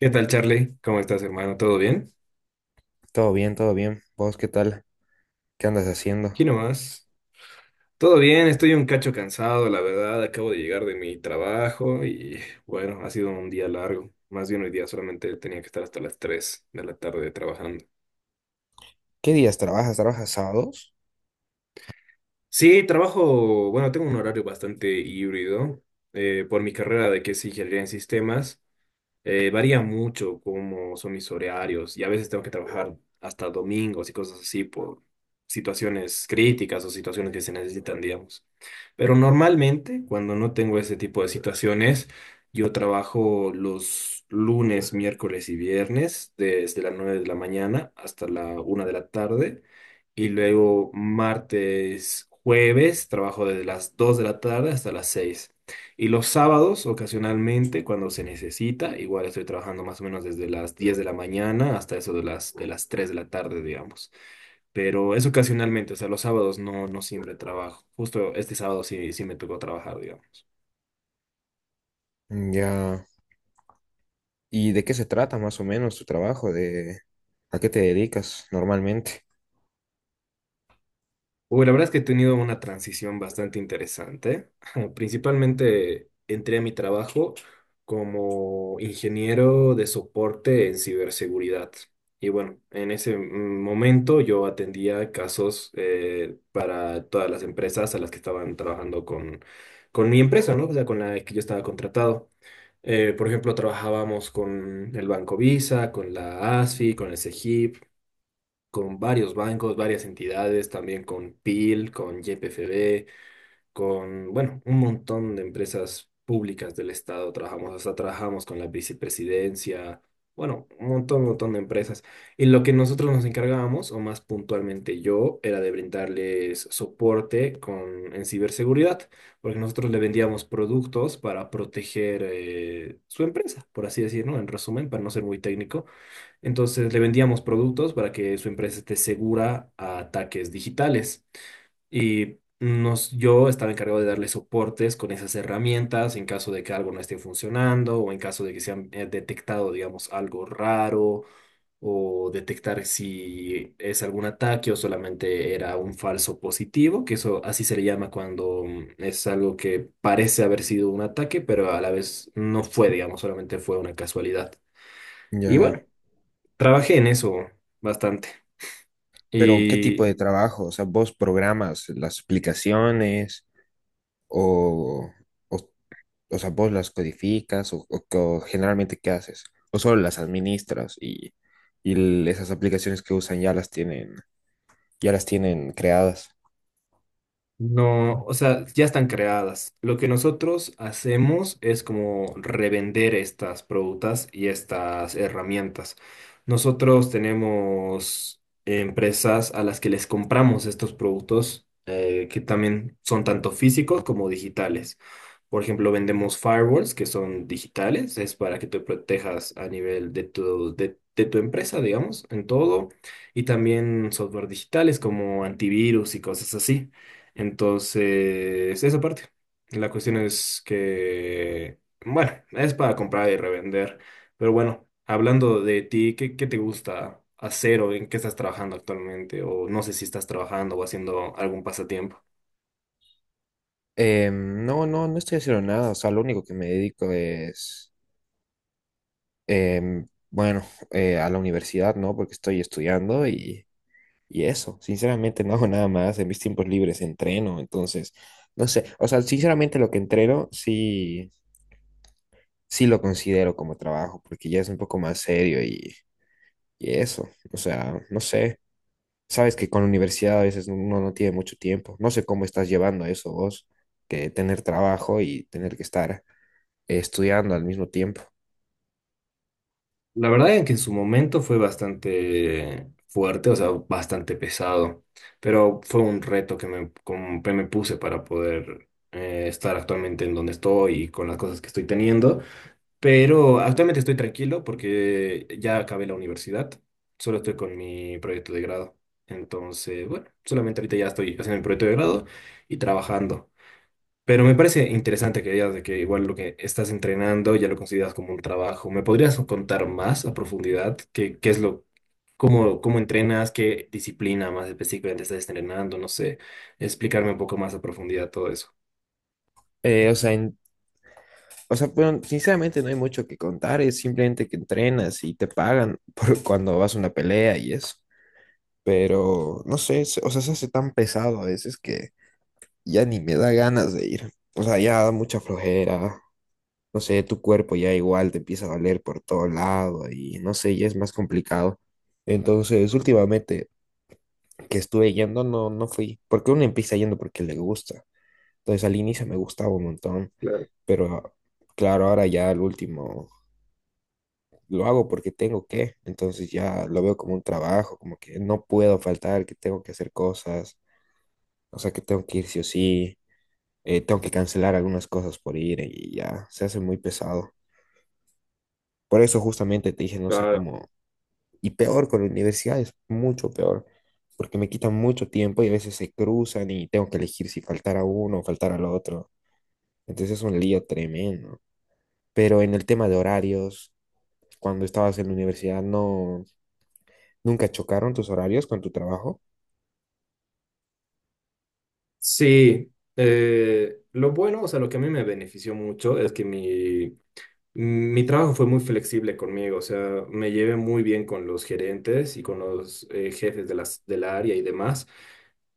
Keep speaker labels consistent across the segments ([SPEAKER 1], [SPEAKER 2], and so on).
[SPEAKER 1] ¿Qué tal, Charlie? ¿Cómo estás, hermano? ¿Todo bien?
[SPEAKER 2] Todo bien, todo bien. ¿Vos qué tal? ¿Qué andas haciendo?
[SPEAKER 1] Aquí nomás. Todo bien, estoy un cacho cansado, la verdad. Acabo de llegar de mi trabajo y bueno, ha sido un día largo. Más bien hoy día solamente tenía que estar hasta las 3 de la tarde trabajando.
[SPEAKER 2] ¿Qué días trabajas? ¿Trabajas sábados?
[SPEAKER 1] Sí, trabajo, bueno, tengo un horario bastante híbrido. Por mi carrera de que es ingeniería en sistemas, varía mucho cómo son mis horarios y a veces tengo que trabajar hasta domingos y cosas así por situaciones críticas o situaciones que se necesitan, digamos. Pero normalmente, cuando no tengo ese tipo de situaciones, yo trabajo los lunes, miércoles y viernes desde las 9 de la mañana hasta la 1 de la tarde. Y luego martes, jueves, trabajo desde las 2 de la tarde hasta las 6. Y los sábados, ocasionalmente, cuando se necesita, igual estoy trabajando más o menos desde las 10 de la mañana hasta eso de las 3 de la tarde, digamos, pero es ocasionalmente, o sea, los sábados no, no siempre trabajo. Justo este sábado sí, sí me tocó trabajar, digamos.
[SPEAKER 2] Mm, ya. ¿Y de qué se trata más o menos tu trabajo? ¿De a qué te dedicas normalmente?
[SPEAKER 1] Uy, la verdad es que he tenido una transición bastante interesante. Principalmente entré a mi trabajo como ingeniero de soporte en ciberseguridad. Y bueno, en ese momento yo atendía casos para todas las empresas a las que estaban trabajando con mi empresa, ¿no? O sea, con la que yo estaba contratado. Por ejemplo, trabajábamos con el Banco Visa, con la ASFI, con el CEGIP, con varios bancos, varias entidades, también con PIL, con YPFB con, bueno, un montón de empresas públicas del Estado trabajamos, hasta trabajamos con la vicepresidencia, bueno, un montón, montón de empresas. Y lo que nosotros nos encargábamos, o más puntualmente yo, era de brindarles soporte en ciberseguridad, porque nosotros le vendíamos productos para proteger su empresa, por así decirlo, en resumen, para no ser muy técnico. Entonces le vendíamos productos para que su empresa esté segura a ataques digitales. Y yo estaba encargado de darle soportes con esas herramientas en caso de que algo no esté funcionando o en caso de que se han detectado, digamos, algo raro o detectar si es algún ataque o solamente era un falso positivo, que eso así se le llama cuando es algo que parece haber sido un ataque, pero a la vez no fue, digamos, solamente fue una casualidad. Y
[SPEAKER 2] Ya.
[SPEAKER 1] bueno, trabajé en eso bastante.
[SPEAKER 2] Pero ¿qué tipo
[SPEAKER 1] Y
[SPEAKER 2] de trabajo? O sea, ¿vos programas las aplicaciones o, o, o sea, vos las codificas o generalmente qué haces? ¿O solo las administras y, esas aplicaciones que usan ya las tienen creadas?
[SPEAKER 1] No, o sea, ya están creadas. Lo que nosotros hacemos es como revender estas productas y estas herramientas. Nosotros tenemos empresas a las que les compramos estos productos que también son tanto físicos como digitales. Por ejemplo, vendemos firewalls que son digitales, es para que te protejas a nivel de de tu empresa, digamos, en todo, y también software digitales como antivirus y cosas así. Entonces, esa parte. La cuestión es que, bueno, es para comprar y revender. Pero bueno, hablando de ti, ¿qué te gusta hacer o en qué estás trabajando actualmente? O no sé si estás trabajando o haciendo algún pasatiempo.
[SPEAKER 2] No, no, no estoy haciendo nada. O sea, lo único que me dedico es, bueno, a la universidad, ¿no? Porque estoy estudiando y eso. Sinceramente no hago nada más, en mis tiempos libres entreno. Entonces, no sé, o sea, sinceramente lo que entreno sí, sí lo considero como trabajo, porque ya es un poco más serio y eso. O sea, no sé, sabes que con la universidad a veces uno no tiene mucho tiempo. No sé cómo estás llevando eso vos, que tener trabajo y tener que estar estudiando al mismo tiempo.
[SPEAKER 1] La verdad es que en su momento fue bastante fuerte, o sea, bastante pesado, pero fue un reto que como que me puse para poder estar actualmente en donde estoy y con las cosas que estoy teniendo. Pero actualmente estoy tranquilo porque ya acabé la universidad, solo estoy con mi proyecto de grado. Entonces, bueno, solamente ahorita ya estoy haciendo mi proyecto de grado y trabajando. Pero me parece interesante que digas de que igual lo que estás entrenando ya lo consideras como un trabajo. ¿Me podrías contar más a profundidad qué, qué es lo, cómo, cómo entrenas, qué disciplina más específicamente estás entrenando? No sé, explicarme un poco más a profundidad todo eso.
[SPEAKER 2] Eh, o sea, en- bueno, sinceramente no hay mucho que contar, es simplemente que entrenas y te pagan por cuando vas a una pelea y eso. Pero no sé, o sea, se hace tan pesado a veces que ya ni me da ganas de ir. O sea, ya da mucha flojera. No sé, tu cuerpo ya igual te empieza a doler por todo lado y no sé, ya es más complicado. Entonces, últimamente que estuve yendo, no, no fui, porque uno empieza yendo porque le gusta. Entonces al inicio me gustaba un montón,
[SPEAKER 1] Claro,
[SPEAKER 2] pero claro, ahora ya al último lo hago porque tengo que. Entonces ya lo veo como un trabajo, como que no puedo faltar, que tengo que hacer cosas, o sea que tengo que ir sí o sí. Tengo que cancelar algunas cosas por ir y ya, se hace muy pesado. Por eso justamente te dije, no sé
[SPEAKER 1] claro.
[SPEAKER 2] cómo, y peor con la universidad es mucho peor, porque me quitan mucho tiempo y a veces se cruzan y tengo que elegir si faltar a uno o faltar al otro, entonces es un lío tremendo. Pero en el tema de horarios, cuando estabas en la universidad, no, nunca chocaron tus horarios con tu trabajo.
[SPEAKER 1] Sí, lo bueno, o sea, lo que a mí me benefició mucho es que mi trabajo fue muy flexible conmigo, o sea, me llevé muy bien con los gerentes y con los jefes del área y demás.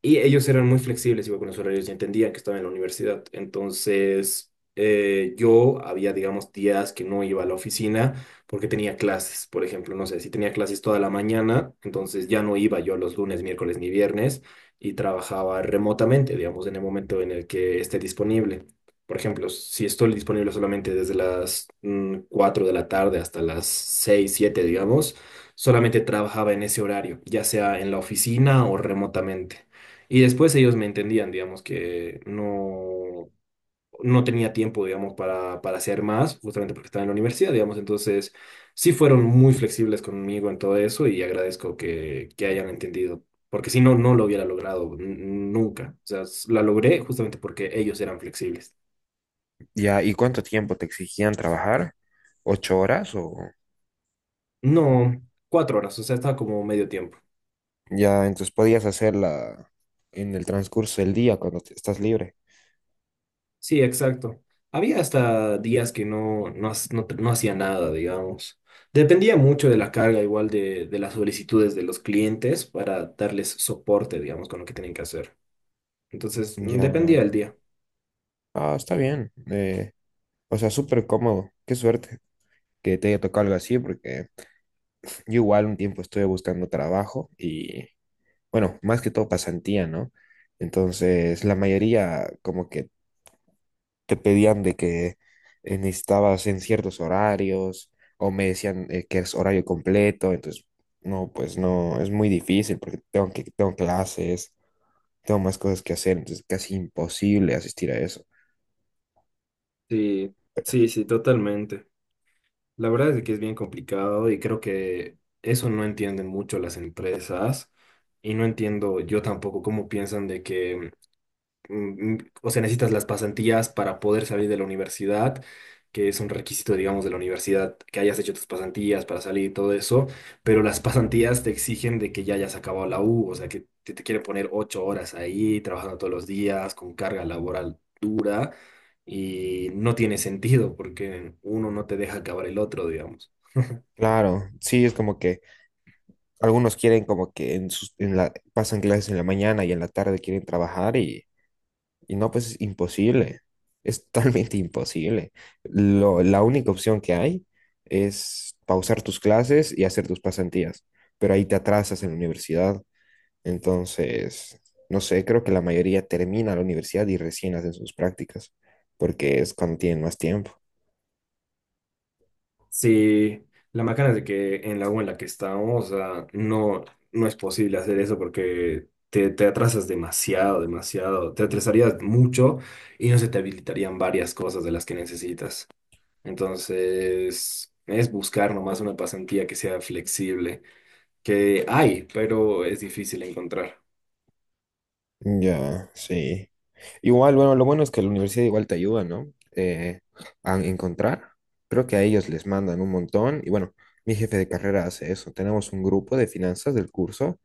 [SPEAKER 1] Y ellos eran muy flexibles igual con los horarios y entendían que estaba en la universidad. Entonces, yo había, digamos, días que no iba a la oficina porque tenía clases, por ejemplo, no sé, si tenía clases toda la mañana, entonces ya no iba yo los lunes, miércoles ni viernes y trabajaba remotamente, digamos, en el momento en el que esté disponible. Por ejemplo, si estoy disponible solamente desde las 4 de la tarde hasta las 6 7 digamos, solamente trabajaba en ese horario, ya sea en la oficina o remotamente. Y después ellos me entendían, digamos, que no, no tenía tiempo, digamos, para, hacer más, justamente porque estaba en la universidad, digamos. Entonces, sí fueron muy flexibles conmigo en todo eso y agradezco que, hayan entendido, porque si no, no lo hubiera logrado nunca. O sea, la logré justamente porque ellos eran flexibles.
[SPEAKER 2] Ya, ¿y cuánto tiempo te exigían trabajar? ¿Ocho horas? O
[SPEAKER 1] No, 4 horas, o sea, estaba como medio tiempo.
[SPEAKER 2] ya, entonces podías hacerla en el transcurso del día cuando estás libre.
[SPEAKER 1] Sí, exacto. Había hasta días que no hacía nada, digamos. Dependía mucho de la carga, igual de las solicitudes de los clientes para darles soporte, digamos, con lo que tienen que hacer. Entonces,
[SPEAKER 2] Ya,
[SPEAKER 1] dependía del día.
[SPEAKER 2] ah, está bien. O sea, súper cómodo. Qué suerte que te haya tocado algo así, porque yo igual un tiempo estuve buscando trabajo y, bueno, más que todo pasantía, ¿no? Entonces, la mayoría como que te pedían de que necesitabas en ciertos horarios o me decían que es horario completo. Entonces no, pues no, es muy difícil porque tengo que, tengo clases, tengo más cosas que hacer, entonces es casi imposible asistir a eso.
[SPEAKER 1] Sí, sí, sí, totalmente. La verdad es que es bien complicado y creo que eso no entienden mucho las empresas y no entiendo yo tampoco cómo piensan de que o sea, necesitas las pasantías para poder salir de la universidad, que es un requisito, digamos, de la universidad, que hayas hecho tus pasantías para salir y todo eso, pero las pasantías te exigen de que ya hayas acabado la U, o sea, que te, quieren poner 8 horas ahí, trabajando todos los días, con carga laboral dura, y no tiene sentido porque uno no te deja acabar el otro, digamos.
[SPEAKER 2] Claro, sí, es como que algunos quieren como que en sus, en la, pasan clases en la mañana y en la tarde quieren trabajar. Y no, pues es imposible, es totalmente imposible. La única opción que hay es pausar tus clases y hacer tus pasantías, pero ahí te atrasas en la universidad. Entonces, no sé, creo que la mayoría termina la universidad y recién hacen sus prácticas, porque es cuando tienen más tiempo.
[SPEAKER 1] Sí, la macana es de que en la U en la que estamos, o sea, no, no es posible hacer eso porque te, atrasas demasiado, demasiado, te atrasarías mucho y no se te habilitarían varias cosas de las que necesitas. Entonces, es buscar nomás una pasantía que sea flexible, que hay, pero es difícil encontrar.
[SPEAKER 2] Ya, sí. Igual, bueno, lo bueno es que la universidad igual te ayuda, ¿no? A encontrar. Creo que a ellos les mandan un montón. Y bueno, mi jefe de carrera hace eso. Tenemos un grupo de finanzas del curso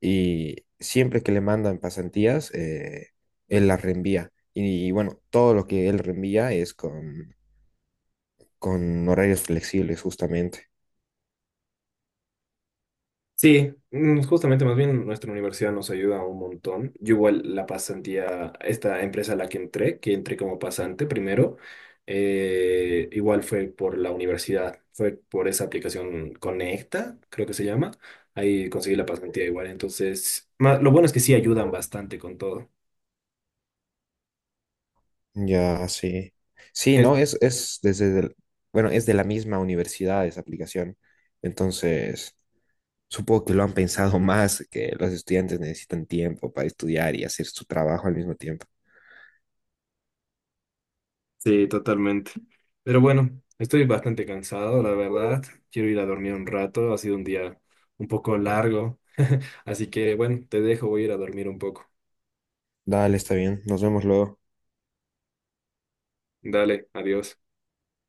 [SPEAKER 2] y siempre que le mandan pasantías, él las reenvía. Y bueno, todo lo que él reenvía es con horarios flexibles, justamente.
[SPEAKER 1] Sí, justamente más bien nuestra universidad nos ayuda un montón. Yo igual la pasantía, esta empresa a la que entré como pasante primero, igual fue por la universidad, fue por esa aplicación Conecta, creo que se llama. Ahí conseguí la pasantía igual. Entonces, lo bueno es que sí ayudan bastante con todo.
[SPEAKER 2] Ya, sí. Sí, ¿no? Es desde, bueno, es de la misma universidad esa aplicación. Entonces supongo que lo han pensado más, que los estudiantes necesitan tiempo para estudiar y hacer su trabajo al mismo tiempo.
[SPEAKER 1] Sí, totalmente. Pero bueno, estoy bastante cansado, la verdad. Quiero ir a dormir un rato. Ha sido un día un poco largo. Así que bueno, te dejo, voy a ir a dormir un poco.
[SPEAKER 2] Dale, está bien. Nos vemos luego.
[SPEAKER 1] Dale, adiós.